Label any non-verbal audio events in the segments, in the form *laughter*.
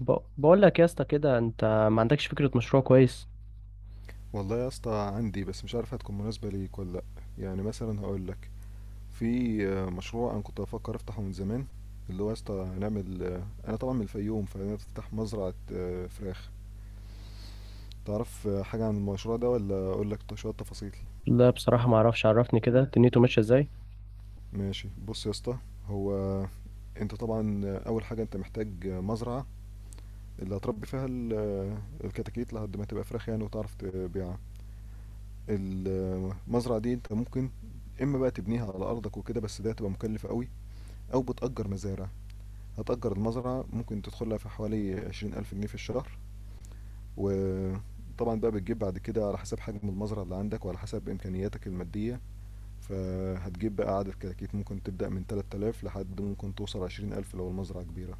بقول لك يا اسطى كده، انت ما عندكش فكره مشروع كويس. والله يا اسطى عندي، بس مش عارف هتكون مناسبة ليك ولا لأ. يعني مثلا هقول لك، في مشروع انا كنت بفكر افتحه من زمان، اللي هو يا اسطى نعمل انا طبعا من الفيوم، فانا افتح مزرعة فراخ. تعرف حاجة عن المشروع ده ولا اقول لك شوية تفاصيل؟ لا، بصراحه ما اعرفش. عرفني كده دنيته ماشيه ازاي. ماشي، بص يا اسطى، هو انت طبعا اول حاجة انت محتاج مزرعة اللي هتربي فيها الكتاكيت لحد ما تبقى فراخ يعني وتعرف تبيعها. المزرعة دي انت ممكن اما بقى تبنيها على ارضك وكده، بس ده هتبقى مكلفة قوي، أو بتأجر مزارع. هتأجر المزرعة ممكن تدخلها في حوالي عشرين ألف جنيه في الشهر، وطبعا بقى بتجيب بعد كده على حسب حجم المزرعة اللي عندك وعلى حسب إمكانياتك المادية. فهتجيب بقى عدد كتاكيت ممكن تبدأ من 3000 لحد ممكن توصل 20000 لو المزرعة كبيرة.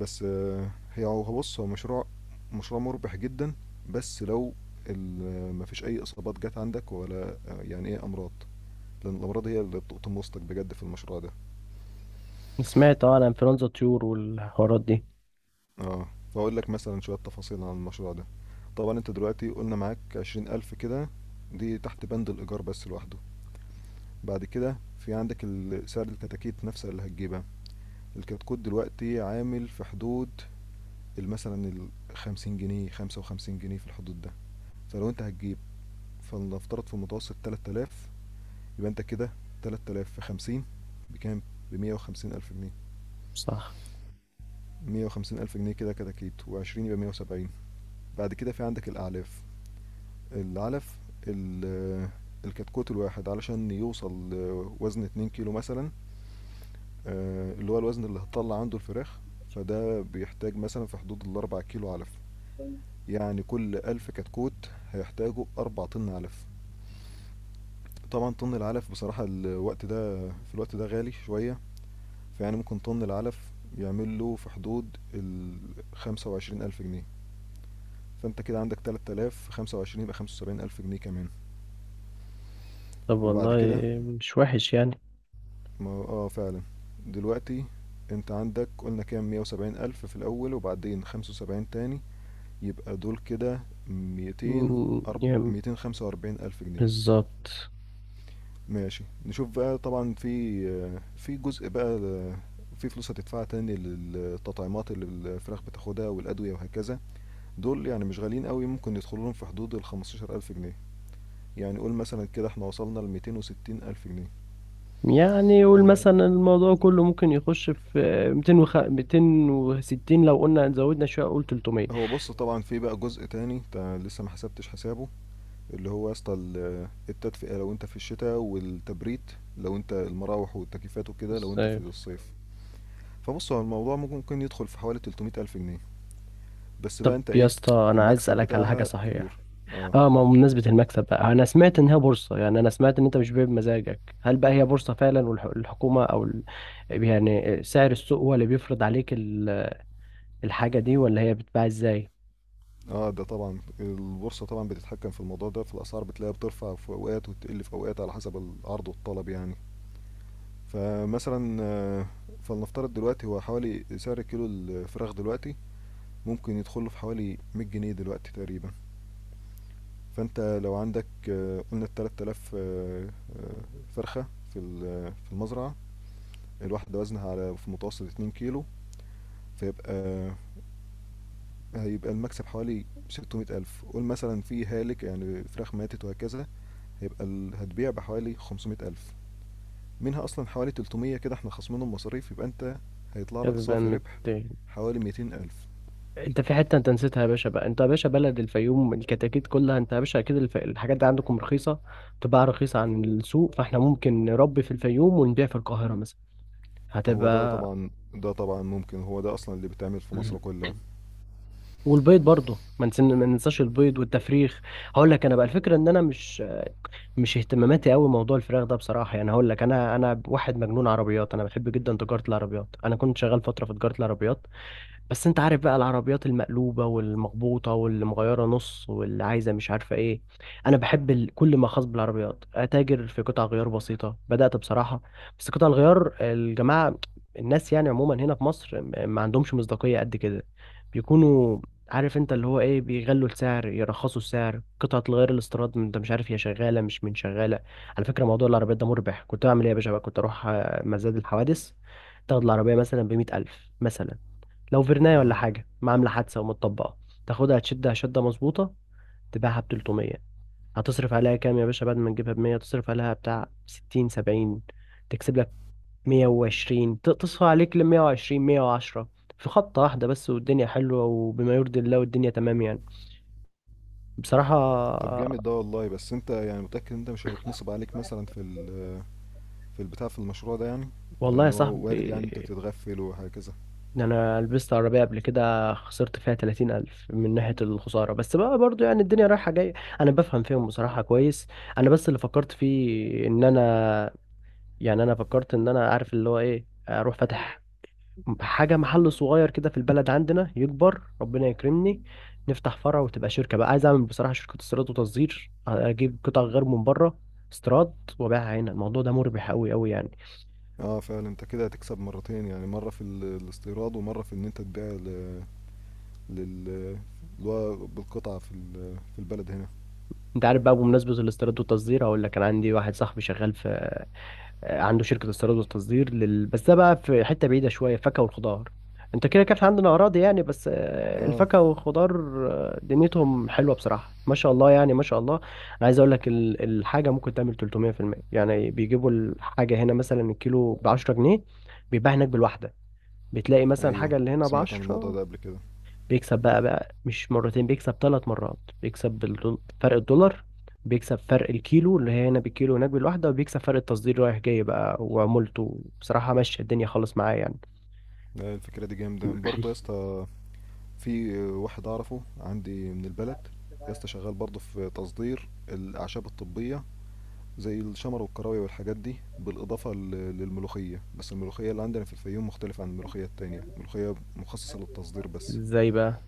بس هي هو بص هو مشروع مربح جدا، بس لو مفيش أي إصابات جت عندك ولا يعني إيه أمراض، لأن الأمراض هي اللي بتقطم وسطك بجد في المشروع ده. سمعت عن انفلونزا طيور والحوارات دي. اه. واقول لك مثلا شوية تفاصيل عن المشروع ده. طبعا انت دلوقتي قلنا معاك عشرين ألف كده، دي تحت بند الإيجار بس لوحده. بعد كده في عندك سعر الكتاكيت نفسها اللي هتجيبها. الكتكوت دلوقتي عامل في حدود مثلا الخمسين جنيه، خمسة وخمسين جنيه في الحدود ده. فلو انت هتجيب، فلنفترض في المتوسط تلات آلاف. يبقى انت كده تلات آلاف في خمسين بكام؟ بمية وخمسين ألف جنيه. صح. مية وخمسين ألف جنيه كده كتاكيت، وعشرين يبقى مية وسبعين. بعد كده في عندك الأعلاف، العلف، ال- الكتكوت الواحد علشان يوصل لوزن 2 كيلو مثلا، اللي هو الوزن اللي هتطلع عنده الفراخ، فده بيحتاج مثلا في حدود الأربع كيلو علف. يعني كل ألف كتكوت هيحتاجوا أربع طن علف. طبعا طن العلف بصراحة الوقت ده، في الوقت ده غالي شوية، فيعني ممكن طن العلف يعمل له في حدود ال 25000 جنيه. فأنت كده عندك 3000 25 يبقى 75000 جنيه كمان. طب وبعد والله كده، مش وحش يعني. ما اه فعلا. دلوقتي انت عندك، قلنا كام؟ مية وسبعين ألف في الأول وبعدين خمسة وسبعين تاني، يبقى دول كده ميتين. يعني ميتين خمسة وأربعين ألف جنيه. بالظبط. ماشي نشوف بقى. طبعا في في جزء بقى في فلوس هتدفعها تاني للتطعيمات اللي الفراخ بتاخدها والأدوية وهكذا. دول يعني مش غاليين قوي، ممكن يدخلوا لهم في حدود ال 15000 ألف جنيه. يعني قول مثلا كده احنا وصلنا ل 260 ألف جنيه. يعني يقول مثلا الموضوع كله ممكن يخش في 200 260، لو قلنا زودنا شويه قول 300. هو بص، طبعا في بقى جزء تاني انت لسه ما حسبتش حسابه، اللي هو يا اسطى التدفئة لو انت في الشتاء، والتبريد لو انت المراوح والتكييفات وكده لو انت في ازاي؟ الصيف. فبص، هو الموضوع ممكن يدخل في حوالي 300 ألف جنيه. بس بقى طب انت يا ايه؟ اسطى، انا عايز المكسب اسالك على حاجه بتاعها صحيح. كبير. اه. اه، ما هو بمناسبة المكسب بقى، انا سمعت ان هي بورصة. يعني انا سمعت ان انت مش بيع بمزاجك. هل بقى هي بورصة فعلا والحكومة او يعني سعر السوق هو اللي بيفرض عليك الحاجة دي، ولا هي بتتباع ازاي؟ اه ده طبعا البورصة طبعا بتتحكم في الموضوع ده، في الأسعار بتلاقيها بترفع في أوقات وتقل في أوقات على حسب العرض والطلب يعني. فمثلا فلنفترض دلوقتي هو حوالي سعر كيلو الفراخ دلوقتي ممكن يدخله في حوالي 100 جنيه دلوقتي تقريبا. فانت لو عندك قلنا 3000 فرخة في في المزرعة، الواحدة وزنها على في متوسط 2 كيلو، فيبقى هيبقى المكسب حوالي 600000. قول مثلا في هالك يعني فراخ ماتت وهكذا، هيبقى هتبيع بحوالي 500000. منها أصلا حوالي 300 كده احنا خصمينهم مصاريف، يبقى انت هيطلع لك كسبان صافي مت... ربح حوالي 200000. انت في حتة انت نسيتها يا باشا. بقى انت يا باشا بلد الفيوم، الكتاكيت كلها، انت يا باشا اكيد الحاجات دي عندكم رخيصة. تباع رخيصة عن السوق، فاحنا ممكن نربي في الفيوم ونبيع في القاهرة مثلا. هو ده هتبقى. طبعا، ممكن هو ده أصلا اللي بيتعمل في مم. مصر كلها. والبيض برضه، ما ننساش البيض والتفريخ. هقول لك انا بقى الفكره، ان انا مش اهتماماتي قوي موضوع الفراخ ده بصراحه. يعني هقول لك، انا واحد مجنون عربيات. انا بحب جدا تجاره العربيات، انا كنت شغال فتره في تجاره العربيات. بس انت عارف بقى، العربيات المقلوبة والمخبوطة واللي مغيرة نص واللي عايزة مش عارفة ايه. انا بحب كل ما خاص بالعربيات. اتاجر في قطع غيار بسيطة بدأت بصراحة. بس قطع الغيار، الجماعة الناس يعني عموما هنا في مصر ما عندهمش مصداقية قد كده. بيكونوا عارف انت اللي هو ايه، بيغلوا السعر، يرخصوا السعر، قطعة الغيار الاستيراد انت مش عارف هي شغالة مش من شغالة. على فكرة موضوع العربيات ده مربح. كنت اعمل ايه يا باشا بقى؟ كنت اروح مزاد الحوادث. تاخد العربية مثلا بمية ألف مثلا، لو فيرناية ولا اه. حاجة، ما عاملة حادثة ومتطبقة. تاخدها تشدها شدة مظبوطة، تباعها ب 300. هتصرف عليها كام يا باشا؟ بعد ما تجيبها ب 100، تصرف عليها بتاع 60، 70. تكسب لك 120. تصفى عليك ل 120، 110. في خطة واحدة بس، والدنيا حلوة وبما يرضي الله، والدنيا تمام يعني. بصراحة. طب جامد ده والله، بس انت يعني متأكد انت مش هيتنصب عليك مثلا في في البتاع، في المشروع ده يعني؟ والله يا لان هو وارد صاحبي، يعني انت تتغفل وهكذا. إن انا لبست عربية قبل كده خسرت فيها 30 الف من ناحية الخسارة. بس بقى برضو يعني الدنيا رايحة جاية. انا بفهم فيهم بصراحة كويس. انا بس اللي فكرت فيه ان انا يعني، انا فكرت ان انا عارف اللي هو ايه، اروح فاتح حاجة، محل صغير كده في البلد عندنا. يكبر ربنا يكرمني، نفتح فرع وتبقى شركة بقى. عايز اعمل بصراحة شركة استيراد وتصدير، اجيب قطع غير من بره، استيراد، وبيعها هنا. الموضوع ده مربح قوي قوي يعني. اه فعلا، انت كده هتكسب مرتين يعني، مرة في الاستيراد ومرة في ان انت تبيع ل- لل اللي هو بالقطعة في في البلد هنا. انت عارف بقى بمناسبة الاستيراد والتصدير، هقول لك، انا عندي واحد صاحبي شغال في عنده شركة استيراد وتصدير بس ده بقى في حتة بعيدة شوية. فاكهة والخضار، انت كده كان عندنا أراضي يعني، بس اه. الفاكهة والخضار دنيتهم حلوة بصراحة. ما شاء الله يعني، ما شاء الله. أنا عايز أقول لك الحاجة ممكن تعمل 300%، يعني بيجيبوا الحاجة هنا مثلا الكيلو ب 10 جنيه، بيتباع هناك بالواحدة. بتلاقي مثلا ايوه الحاجة اللي هنا ب سمعت عن الموضوع 10، ده قبل كده. بيكسب بقى. مش مرتين، بيكسب ثلاث مرات. بيكسب فرق الدولار، بيكسب فرق الكيلو اللي هي هنا بالكيلو هناك بالواحدة، وبيكسب فرق التصدير رايح جاي بقى. وعمولته بصراحة ماشية الدنيا خالص معايا يعني. لا، الفكرة دي جامدة برضه يا اسطى. في واحد اعرفه عندي من البلد يا اسطى شغال برضه في تصدير الأعشاب الطبية زي الشمر والكراوية والحاجات دي، بالإضافة للملوخية. بس الملوخية اللي عندنا في الفيوم مختلفة عن الملوخية التانية، الملوخية مخصصة للتصدير *laughs* بس. ازاي بقى؟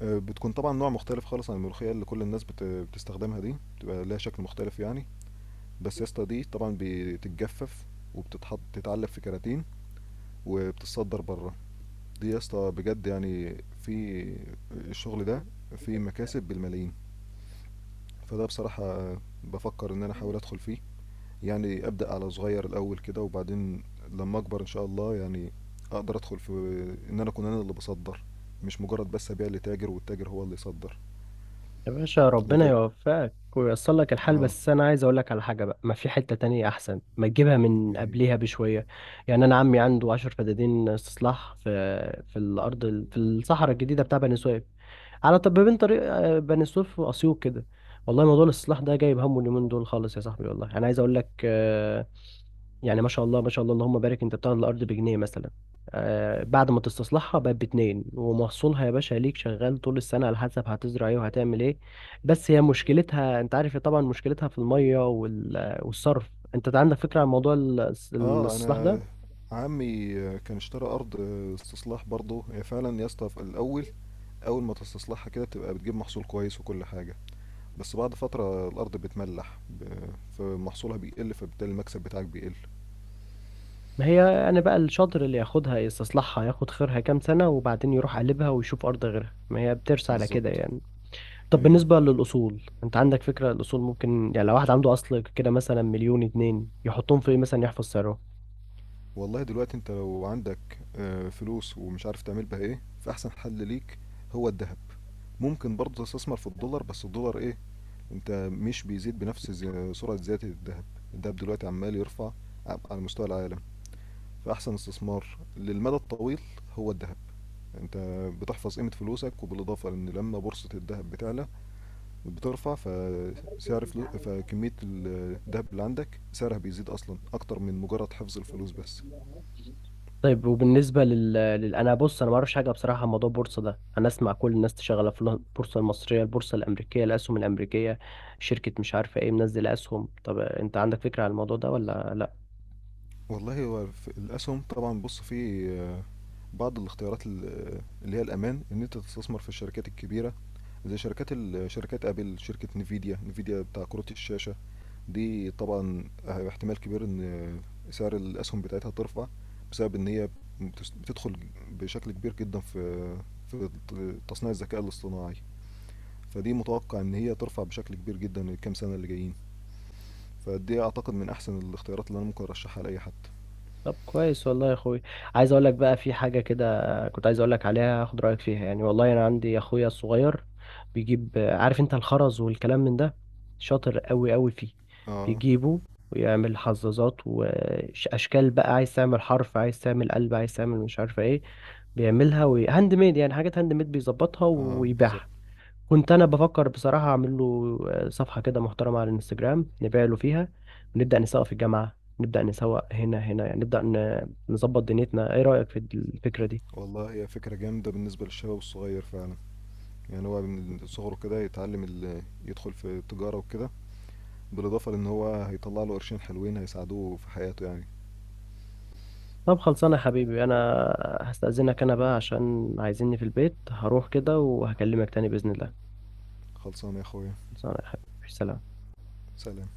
بتكون طبعا نوع مختلف خالص عن الملوخية اللي كل الناس بتستخدمها دي، بتبقى لها شكل مختلف يعني. بس يا اسطى دي طبعا بتتجفف وبتتحط تتعلب في كراتين وبتتصدر بره. دي يا اسطى بجد يعني في الشغل ده فيه مكاسب بالملايين. فده بصراحة بفكر ان انا احاول ادخل فيه، يعني أبدأ على صغير الأول كده، وبعدين لما أكبر إن شاء الله يعني أقدر أدخل في إن أنا أكون أنا اللي بصدر، مش مجرد بس أبيع لتاجر والتاجر هو اللي يصدر. يا باشا، أنا ربنا تاجر. يوفقك وييسر لك الحال. آه. بس انا عايز اقول لك على حاجه بقى، ما في حته تانية احسن ما تجيبها من إيه هي؟ قبليها بشويه. يعني انا عمي عنده 10 فدادين استصلاح في الارض، في الصحراء الجديده بتاع بني سويف. على طب بين طريق بني سويف واسيوط كده. والله موضوع الاستصلاح ده جايب همه اليومين دول خالص يا صاحبي. والله انا عايز اقول لك يعني ما شاء الله، ما شاء الله، اللهم بارك، انت بتاخد الارض بجنيه مثلا بعد ما تستصلحها بقت باتنين. ومحصولها يا باشا ليك شغال طول السنه، على حسب هتزرع ايه وهتعمل ايه. بس هي مشكلتها، انت عارف طبعا مشكلتها في الميه والصرف. انت عندك فكره عن موضوع آه، الاستصلاح أنا ده؟ عمي كان اشترى أرض استصلاح برضه. هي فعلا يا اسطى في الأول، أول ما تستصلحها كده بتبقى بتجيب محصول كويس وكل حاجة، بس بعد فترة الأرض بتملح فمحصولها بيقل، فبالتالي المكسب بتاعك بيقل. ما هي انا بقى الشاطر اللي ياخدها يستصلحها، ياخد خيرها كام سنه، وبعدين يروح قلبها ويشوف ارض غيرها. ما هي بترسى على كده بالظبط. يعني. طب أيوه. بالنسبة للأصول، أنت عندك فكرة؟ الأصول ممكن يعني، لو واحد عنده أصل كده مثلا مليون اتنين، يحطهم في إيه مثلا يحفظ سعره؟ والله دلوقتي انت لو عندك فلوس ومش عارف تعمل بها ايه، فاحسن حل ليك هو الذهب. ممكن برضه تستثمر في الدولار، بس الدولار ايه؟ انت مش بيزيد بنفس سرعة زيادة الذهب. الذهب دلوقتي عمال يرفع على مستوى العالم، فاحسن استثمار للمدى الطويل هو الذهب. انت بتحفظ قيمة فلوسك، وبالاضافة ان لما بورصة الذهب بتعلى بترفع فسعر فكمية الذهب اللي عندك سعرها بيزيد اصلا اكتر من مجرد حفظ الفلوس بس. طيب، وبالنسبة أنا بص، أنا ما أعرفش حاجة بصراحة عن موضوع البورصة ده. أنا أسمع كل الناس شغالة في البورصة المصرية، البورصة الأمريكية، الأسهم الأمريكية، شركة مش عارفة إيه منزل أسهم. طب أنت عندك فكرة عن الموضوع ده ولا لأ؟ والله هو في الأسهم طبعا. بص، في بعض الاختيارات اللي هي الأمان، إن أنت تستثمر في الشركات الكبيرة زي شركات شركات أبل، شركة نيفيديا. نيفيديا بتاع كروت الشاشة، دي طبعا احتمال كبير إن سعر الأسهم بتاعتها ترفع، بسبب إن هي بتدخل بشكل كبير جدا في تصنيع الذكاء الاصطناعي. فدي متوقع إن هي ترفع بشكل كبير جدا الكام سنة اللي جايين. فدي أعتقد من أحسن الاختيارات اللي أنا ممكن أرشحها لأي حد. طب كويس، والله يا اخوي. عايز اقول لك بقى في حاجه كده كنت عايز اقول لك عليها، اخد رايك فيها يعني. والله انا عندي اخويا الصغير بيجيب، عارف انت، الخرز والكلام من ده. شاطر قوي قوي فيه. اه. بيجيبه ويعمل حظاظات واشكال بقى. عايز تعمل حرف، عايز تعمل قلب، عايز تعمل مش عارفه ايه، بيعملها. وهاند ميد يعني، حاجات هاند ميد بيظبطها اه بالظبط. ويبيعها. كنت انا بفكر بصراحه اعمل له صفحه كده محترمه على الانستجرام، نبيع له فيها، ونبدا نسوق في الجامعه. نبدا نسوق هنا يعني، نبدا نظبط دنيتنا. ايه رايك في الفكره دي؟ والله هي فكرة جامدة بالنسبة للشباب الصغير فعلا، يعني هو من صغره كده يتعلم يدخل في التجارة وكده، بالإضافة لأن هو هيطلع له قرشين حلوين هيساعدوه في حياته يعني. طب خلصانه يا حبيبي. انا هستاذنك انا بقى عشان عايزيني في البيت، هروح كده وهكلمك تاني باذن الله. خلصانة يا أخويا. خلصانه يا حبيبي. سلام. سلام.